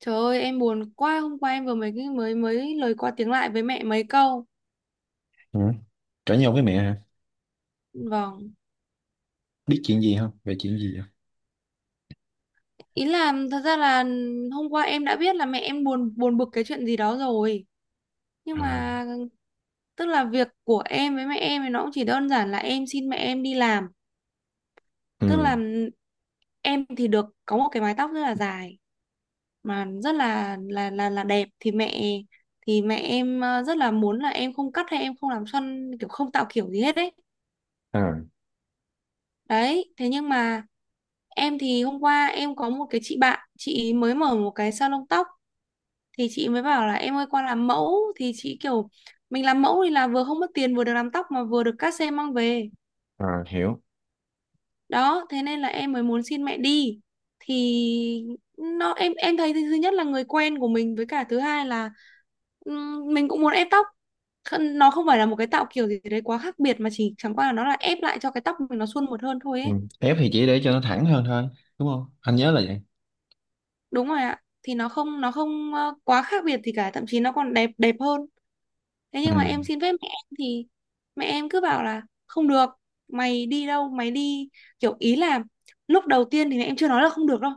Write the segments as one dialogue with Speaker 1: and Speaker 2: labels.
Speaker 1: Trời ơi, em buồn quá, hôm qua em vừa mới mới mới lời qua tiếng lại với mẹ mấy câu.
Speaker 2: Ừ. Cãi nhau với mẹ hả?
Speaker 1: Vâng.
Speaker 2: Biết chuyện gì không? Về chuyện gì không?
Speaker 1: Ý là thật ra là hôm qua em đã biết là mẹ em buồn buồn bực cái chuyện gì đó rồi. Nhưng
Speaker 2: À,
Speaker 1: mà tức là việc của em với mẹ em thì nó cũng chỉ đơn giản là em xin mẹ em đi làm. Tức
Speaker 2: ừ,
Speaker 1: là em thì được có một cái mái tóc rất là dài mà rất là đẹp, thì mẹ em rất là muốn là em không cắt hay em không làm xoăn, kiểu không tạo kiểu gì hết đấy.
Speaker 2: à,
Speaker 1: Đấy, thế nhưng mà em thì hôm qua em có một cái chị bạn, chị ý mới mở một cái salon tóc, thì chị mới bảo là em ơi qua làm mẫu, thì chị kiểu mình làm mẫu thì là vừa không mất tiền, vừa được làm tóc, mà vừa được cát xe mang về.
Speaker 2: à, hiểu.
Speaker 1: Đó, thế nên là em mới muốn xin mẹ đi. Thì nó em thấy, thứ nhất là người quen của mình, với cả thứ hai là mình cũng muốn ép tóc. Nó không phải là một cái tạo kiểu gì đấy quá khác biệt, mà chỉ chẳng qua là nó là ép lại cho cái tóc mình nó suôn mượt hơn thôi
Speaker 2: Ừ.
Speaker 1: ấy.
Speaker 2: Ép thì chỉ để cho nó thẳng hơn thôi, đúng không? Anh nhớ là vậy.
Speaker 1: Đúng rồi ạ. Thì nó không quá khác biệt gì cả, thậm chí nó còn đẹp đẹp hơn. Thế
Speaker 2: Ừ.
Speaker 1: nhưng mà em xin phép mẹ em thì mẹ em cứ bảo là không được, mày đi đâu mày đi, kiểu ý là lúc đầu tiên thì mẹ em chưa nói là không được đâu.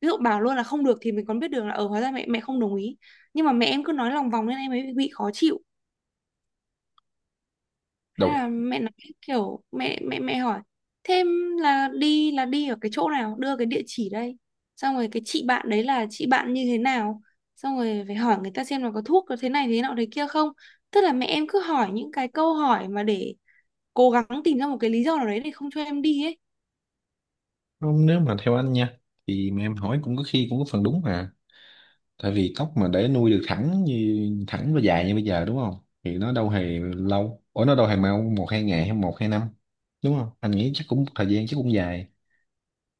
Speaker 1: Ví dụ bảo luôn là không được thì mình còn biết được là, ở, hóa ra mẹ mẹ không đồng ý. Nhưng mà mẹ em cứ nói lòng vòng nên em ấy bị khó chịu. Thế
Speaker 2: Đầu,
Speaker 1: là mẹ nói, kiểu mẹ mẹ mẹ hỏi thêm là đi ở cái chỗ nào, đưa cái địa chỉ đây, xong rồi cái chị bạn đấy là chị bạn như thế nào, xong rồi phải hỏi người ta xem là có thuốc, có thế này thế nọ thế kia không. Tức là mẹ em cứ hỏi những cái câu hỏi mà để cố gắng tìm ra một cái lý do nào đấy để không cho em đi ấy.
Speaker 2: không, nếu mà theo anh nha, thì mà em hỏi cũng có khi cũng có phần đúng mà. Tại vì tóc mà để nuôi được thẳng như thẳng và dài như bây giờ đúng không? Thì nó đâu hề lâu. Ủa nó đâu hề mau một hai ngày hay một hai năm, đúng không? Anh nghĩ chắc cũng thời gian chắc cũng dài.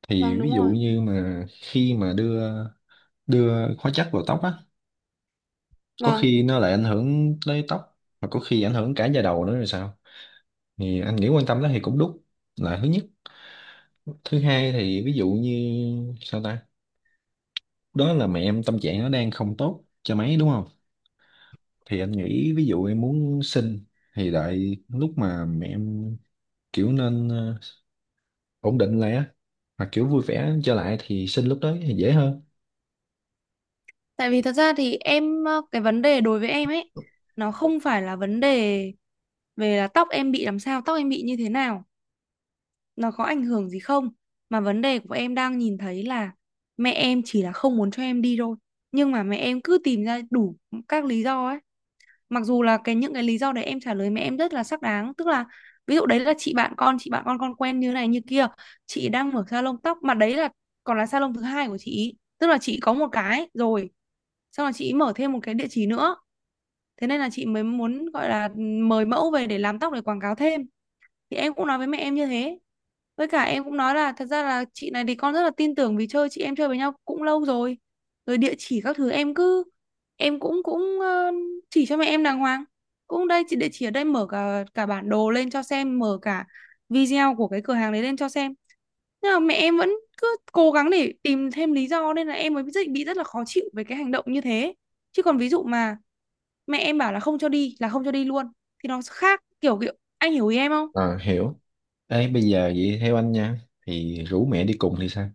Speaker 2: Thì
Speaker 1: Vâng, đúng
Speaker 2: ví dụ
Speaker 1: rồi,
Speaker 2: như mà khi mà đưa đưa hóa chất vào tóc á, có
Speaker 1: vâng.
Speaker 2: khi nó lại ảnh hưởng tới tóc và có khi ảnh hưởng cả da đầu nữa rồi sao, thì anh nghĩ quan tâm đó thì cũng đúng, là thứ nhất. Thứ hai thì ví dụ như sao ta, đó là mẹ em tâm trạng nó đang không tốt cho mấy đúng không, thì anh nghĩ ví dụ em muốn sinh thì đợi lúc mà mẹ em kiểu nên ổn định lại á, hoặc kiểu vui vẻ trở lại thì sinh lúc đó thì dễ hơn.
Speaker 1: Tại vì thật ra thì em cái vấn đề đối với em ấy, nó không phải là vấn đề về là tóc em bị làm sao, tóc em bị như thế nào, nó có ảnh hưởng gì không, mà vấn đề của em đang nhìn thấy là mẹ em chỉ là không muốn cho em đi thôi, nhưng mà mẹ em cứ tìm ra đủ các lý do ấy. Mặc dù là những cái lý do đấy em trả lời mẹ em rất là xác đáng. Tức là ví dụ đấy là chị bạn con quen như này như kia, chị đang mở salon tóc, mà đấy là còn là salon thứ hai của chị, tức là chị có một cái rồi, xong là chị mở thêm một cái địa chỉ nữa, thế nên là chị mới muốn gọi là mời mẫu về để làm tóc, để quảng cáo thêm. Thì em cũng nói với mẹ em như thế, với cả em cũng nói là thật ra là chị này thì con rất là tin tưởng, vì chơi, chị em chơi với nhau cũng lâu rồi. Rồi địa chỉ các thứ em cứ em cũng cũng ờ, chỉ cho mẹ em đàng hoàng, cũng đây chị, địa chỉ ở đây, mở cả cả bản đồ lên cho xem, mở cả video của cái cửa hàng đấy lên cho xem. Nhưng mà mẹ em vẫn cứ cố gắng để tìm thêm lý do, nên là em mới bị rất là khó chịu về cái hành động như thế. Chứ còn ví dụ mà mẹ em bảo là không cho đi là không cho đi luôn, thì nó khác, kiểu kiểu anh hiểu ý em không?
Speaker 2: À, hiểu. Ê bây giờ vậy theo anh nha, thì rủ mẹ đi cùng thì sao?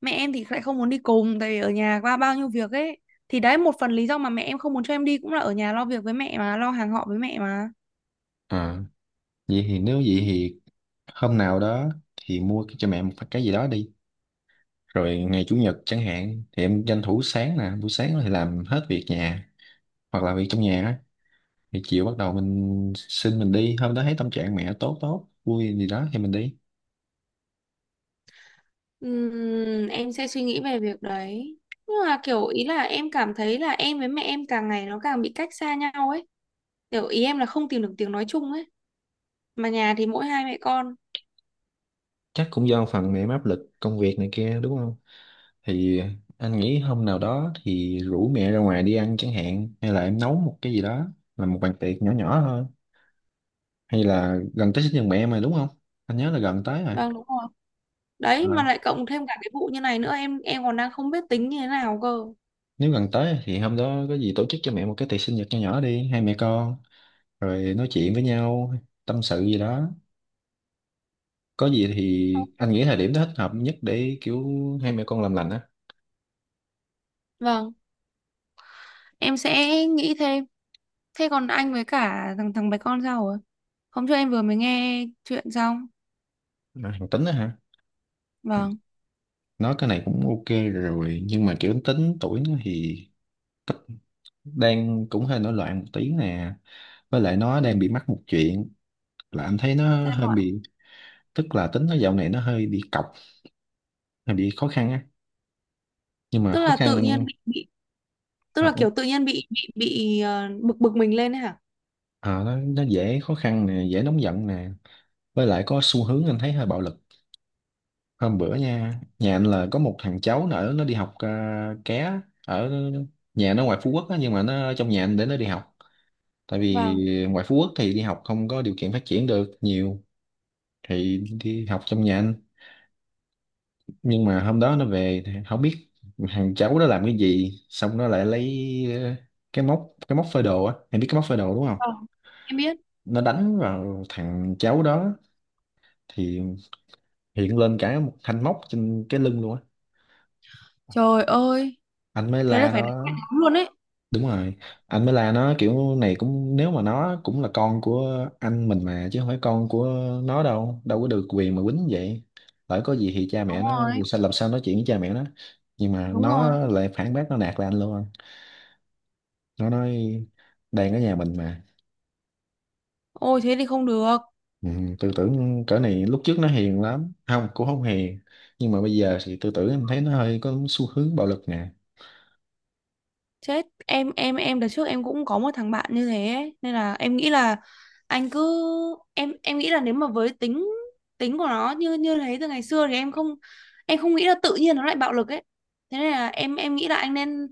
Speaker 1: Mẹ em thì lại không muốn đi cùng, tại vì ở nhà qua bao nhiêu việc ấy, thì đấy một phần lý do mà mẹ em không muốn cho em đi cũng là ở nhà lo việc với mẹ mà, lo hàng họ với mẹ mà.
Speaker 2: À, vậy thì nếu vậy thì hôm nào đó thì mua cho mẹ một cái gì đó đi, rồi ngày chủ nhật chẳng hạn thì em tranh thủ sáng nè, buổi sáng thì làm hết việc nhà, hoặc là việc trong nhà á. Thì chiều bắt đầu mình xin mình đi, hôm đó thấy tâm trạng mẹ tốt tốt vui gì đó thì mình đi.
Speaker 1: Em sẽ suy nghĩ về việc đấy. Nhưng mà kiểu ý là em cảm thấy là em với mẹ em càng ngày nó càng bị cách xa nhau ấy. Kiểu ý em là không tìm được tiếng nói chung ấy. Mà nhà thì mỗi hai mẹ con.
Speaker 2: Chắc cũng do phần mẹ em áp lực công việc này kia đúng không, thì anh nghĩ hôm nào đó thì rủ mẹ ra ngoài đi ăn chẳng hạn, hay là em nấu một cái gì đó, làm một bàn tiệc nhỏ nhỏ thôi, hay là gần tới sinh nhật mẹ mà đúng không? Anh nhớ là gần tới
Speaker 1: Vâng, đúng rồi. Đấy, mà
Speaker 2: rồi.
Speaker 1: lại cộng thêm cả cái vụ như này nữa, em còn đang không biết tính như thế nào cơ.
Speaker 2: Nếu gần tới thì hôm đó có gì tổ chức cho mẹ một cái tiệc sinh nhật nho nhỏ đi, hai mẹ con rồi nói chuyện với nhau, tâm sự gì đó. Có gì thì anh nghĩ thời điểm đó thích hợp nhất để kiểu hai mẹ con làm lành á.
Speaker 1: Vâng, em sẽ nghĩ thêm. Thế còn anh với cả thằng thằng bé con sao rồi? Hôm trước em vừa mới nghe chuyện xong.
Speaker 2: Mà thằng Tính á hả,
Speaker 1: Vâng.
Speaker 2: nói cái này cũng ok rồi, nhưng mà kiểu Tính tuổi nó thì đang cũng hơi nổi loạn một tí nè, với lại nó đang bị mắc một chuyện là anh thấy nó
Speaker 1: Sao
Speaker 2: hơi
Speaker 1: ạ?
Speaker 2: bị, tức là Tính nó dạo này nó hơi bị cọc, hơi bị khó khăn á, nhưng mà
Speaker 1: Tức
Speaker 2: khó
Speaker 1: là tự nhiên
Speaker 2: khăn.
Speaker 1: bị tức là kiểu tự nhiên bị bực bực mình lên ấy hả?
Speaker 2: Ờ, nó dễ khó khăn nè, dễ nóng giận nè, với lại có xu hướng anh thấy hơi bạo lực. Hôm bữa nha, nhà anh là có một thằng cháu nó ở nó đi học ké ở nhà nó ngoài Phú Quốc á, nhưng mà nó ở trong nhà anh để nó đi học, tại vì
Speaker 1: Vâng.
Speaker 2: ngoài Phú Quốc thì đi học không có điều kiện phát triển được nhiều, thì đi học trong nhà anh. Nhưng mà hôm đó nó về thì không biết thằng cháu đó làm cái gì, xong nó lại lấy ờ, cái móc, cái móc phơi đồ á, em biết cái móc phơi đồ đúng không,
Speaker 1: Vâng. Em biết.
Speaker 2: nó đánh vào thằng cháu đó, thì hiện lên cả một thanh móc trên cái lưng luôn á.
Speaker 1: Trời ơi,
Speaker 2: Anh mới
Speaker 1: thế là
Speaker 2: la
Speaker 1: phải đánh
Speaker 2: nó.
Speaker 1: mặt lắm luôn ấy.
Speaker 2: Đúng rồi, anh mới la nó kiểu này cũng nếu mà nó cũng là con của anh mình mà chứ không phải con của, nó đâu đâu có được quyền mà quýnh vậy, lỡ có gì thì cha mẹ
Speaker 1: Đúng
Speaker 2: nó
Speaker 1: rồi,
Speaker 2: sao, làm sao nói chuyện với cha mẹ nó. Nhưng mà
Speaker 1: đúng rồi.
Speaker 2: nó lại phản bác, nó nạt lên anh luôn. Nó nói đang ở nhà mình mà.
Speaker 1: Ôi thế thì không được.
Speaker 2: Ừ, tư tưởng cỡ này, lúc trước nó hiền lắm, không cũng không hiền, nhưng mà bây giờ thì tư tưởng em thấy nó hơi có xu hướng bạo lực nè.
Speaker 1: Chết, em đợt trước em cũng có một thằng bạn như thế ấy. Nên là em nghĩ là anh cứ em nghĩ là, nếu mà với tính tính của nó như như thế từ ngày xưa thì em không nghĩ là tự nhiên nó lại bạo lực ấy. Thế nên là em nghĩ là anh nên,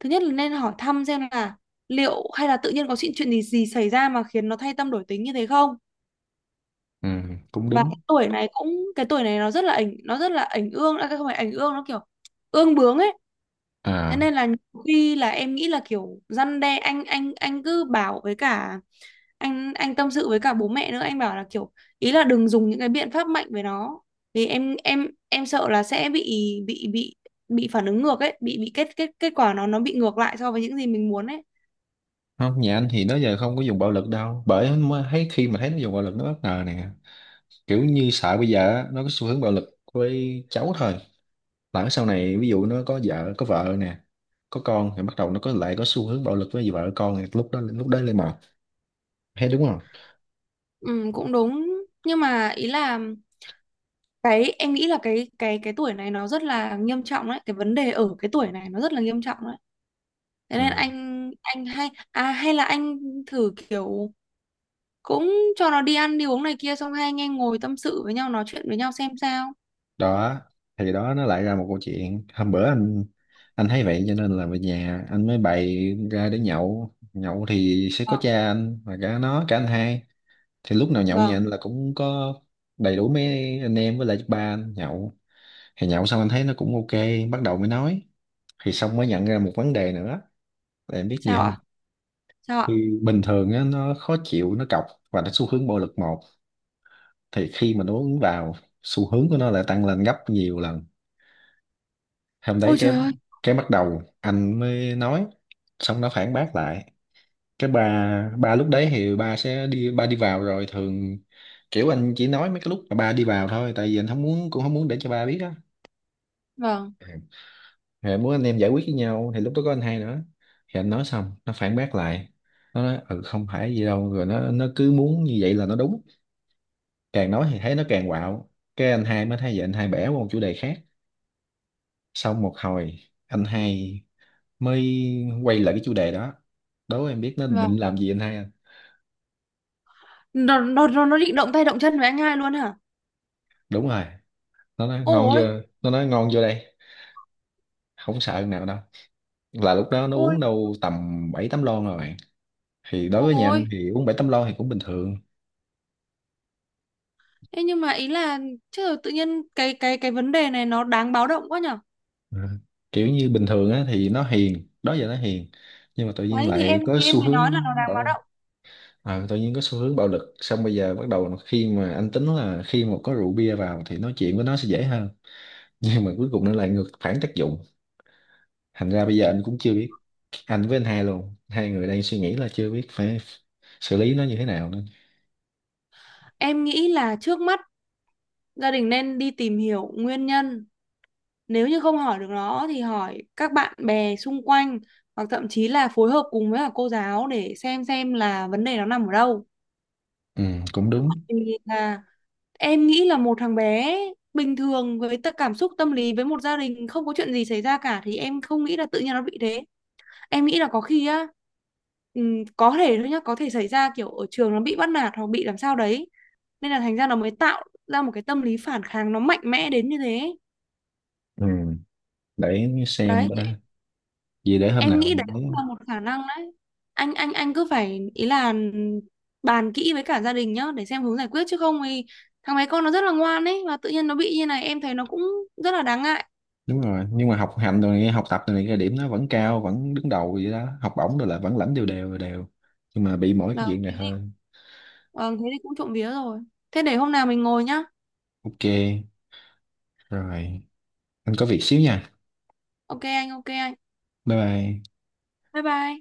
Speaker 1: thứ nhất là nên hỏi thăm xem là liệu hay là tự nhiên có chuyện chuyện gì gì xảy ra mà khiến nó thay tâm đổi tính như thế không?
Speaker 2: Ừ, cũng
Speaker 1: Và
Speaker 2: đúng.
Speaker 1: cái tuổi này nó rất là ảnh ương, à, không phải ảnh ương, nó kiểu ương bướng ấy. Thế
Speaker 2: À,
Speaker 1: nên là nhiều khi là em nghĩ là kiểu răn đe, anh cứ bảo, với cả anh tâm sự với cả bố mẹ nữa, anh bảo là kiểu ý là đừng dùng những cái biện pháp mạnh với nó. Vì em sợ là sẽ bị bị bị phản ứng ngược ấy, bị kết kết kết quả nó bị ngược lại so với những gì mình muốn ấy.
Speaker 2: không, nhà anh thì nó giờ không có dùng bạo lực đâu, bởi mới thấy khi mà thấy nó dùng bạo lực nó bất ngờ nè, kiểu như sợ bây giờ á, nó có xu hướng bạo lực với cháu thôi, lỡ sau này ví dụ nó có vợ, có vợ nè, có con, thì bắt đầu nó có lại có xu hướng bạo lực với vợ con, thì lúc đó lên mà thấy đúng không.
Speaker 1: Ừ, cũng đúng. Nhưng mà ý là, cái em nghĩ là cái tuổi này nó rất là nghiêm trọng đấy, cái vấn đề ở cái tuổi này nó rất là nghiêm trọng đấy. Thế
Speaker 2: Ừ.
Speaker 1: nên anh hay, à, hay là anh thử kiểu cũng cho nó đi ăn đi uống này kia, xong hai anh em ngồi tâm sự với nhau, nói chuyện với nhau xem sao.
Speaker 2: Đó, thì đó nó lại ra một câu chuyện. Hôm bữa anh thấy vậy cho nên là về nhà anh mới bày ra để nhậu, nhậu thì sẽ có
Speaker 1: Vâng,
Speaker 2: cha anh và cả nó, cả anh hai. Thì lúc nào nhậu nhà
Speaker 1: vâng.
Speaker 2: anh là cũng có đầy đủ mấy anh em với lại ba anh nhậu. Thì nhậu xong anh thấy nó cũng ok, bắt đầu mới nói, thì xong mới nhận ra một vấn đề nữa, là em biết gì
Speaker 1: Sao
Speaker 2: không.
Speaker 1: ạ? Sao ạ?
Speaker 2: Thì bình thường á, nó khó chịu, nó cọc và nó xu hướng bạo lực một, thì khi mà nó uống vào xu hướng của nó lại tăng lên gấp nhiều lần. Hôm đấy
Speaker 1: Ôi
Speaker 2: cái
Speaker 1: trời ơi.
Speaker 2: cái bắt đầu anh mới nói, xong nó phản bác lại. Cái bà lúc đấy thì bà sẽ đi, ba đi vào rồi thường, kiểu anh chỉ nói mấy cái lúc mà ba đi vào thôi, tại vì anh không muốn, cũng không muốn để cho ba biết á.
Speaker 1: Vâng,
Speaker 2: Ừ. Thì anh muốn anh em giải quyết với nhau, thì lúc đó có anh hai nữa. Thì anh nói xong nó phản bác lại, nó nói ừ không phải gì đâu, rồi nó cứ muốn như vậy là nó đúng, càng nói thì thấy nó càng quạo. Cái anh hai mới thấy vậy, anh hai bẻ qua một chủ đề khác, xong một hồi anh hai mới quay lại cái chủ đề đó. Đố em biết nó
Speaker 1: vâng.
Speaker 2: định làm gì anh hai anh?
Speaker 1: Nó định động tay động chân với anh hai luôn hả?
Speaker 2: Đúng rồi, nó nói ngon
Speaker 1: Ôi.
Speaker 2: chưa, nó nói ngon vô đây không sợ nào đâu. Là lúc đó nó
Speaker 1: Ôi.
Speaker 2: uống đâu tầm 7 8 lon rồi bạn, thì đối với nhà anh
Speaker 1: Ôi.
Speaker 2: thì uống 7 8 lon thì cũng bình thường.
Speaker 1: Thế nhưng mà ý là, chứ tự nhiên cái vấn đề này nó đáng báo động quá nhở.
Speaker 2: Ừ. Kiểu như bình thường á thì nó hiền, đó giờ nó hiền, nhưng mà tự nhiên
Speaker 1: Đấy thì
Speaker 2: lại
Speaker 1: em
Speaker 2: có
Speaker 1: thì em
Speaker 2: xu
Speaker 1: mới nói
Speaker 2: hướng
Speaker 1: là nó đáng báo
Speaker 2: bạo.
Speaker 1: động.
Speaker 2: À, tự nhiên có xu hướng bạo lực, xong bây giờ bắt đầu khi mà anh tính là khi mà có rượu bia vào thì nói chuyện với nó sẽ dễ hơn, nhưng mà cuối cùng nó lại ngược phản tác dụng, thành ra bây giờ anh cũng chưa biết, anh với anh hai luôn, hai người đang suy nghĩ là chưa biết phải xử lý nó như thế nào nữa.
Speaker 1: Em nghĩ là trước mắt gia đình nên đi tìm hiểu nguyên nhân, nếu như không hỏi được nó thì hỏi các bạn bè xung quanh, hoặc thậm chí là phối hợp cùng với cả cô giáo để xem là vấn đề nó nằm ở đâu.
Speaker 2: Ừ, cũng đúng.
Speaker 1: Thì là em nghĩ là một thằng bé bình thường, với tất cảm xúc tâm lý, với một gia đình không có chuyện gì xảy ra cả, thì em không nghĩ là tự nhiên nó bị thế. Em nghĩ là có khi á, có thể thôi nhá, có thể xảy ra kiểu ở trường nó bị bắt nạt hoặc bị làm sao đấy. Nên là thành ra nó mới tạo ra một cái tâm lý phản kháng, nó mạnh mẽ đến như thế.
Speaker 2: Ừ, để xem
Speaker 1: Đấy,
Speaker 2: đã, gì để hôm
Speaker 1: em
Speaker 2: nào
Speaker 1: nghĩ đấy
Speaker 2: mình lấy.
Speaker 1: cũng là một khả năng đấy. Anh cứ phải, ý là bàn kỹ với cả gia đình nhá, để xem hướng giải quyết, chứ không thì thằng bé con nó rất là ngoan ấy, và tự nhiên nó bị như này em thấy nó cũng rất là đáng ngại.
Speaker 2: Đúng rồi, nhưng mà học hành rồi này, học tập rồi này, cái điểm nó vẫn cao, vẫn đứng đầu vậy đó, học bổng rồi là vẫn lãnh đều đều đều. Nhưng mà bị mỗi cái
Speaker 1: vâng
Speaker 2: chuyện này
Speaker 1: thế thì,
Speaker 2: thôi.
Speaker 1: vâng, thế thì cũng trộm vía rồi. Thế để hôm nào mình ngồi nhá.
Speaker 2: Ok, rồi, anh có việc xíu nha.
Speaker 1: Ok anh, ok anh.
Speaker 2: Bye bye.
Speaker 1: Bye bye.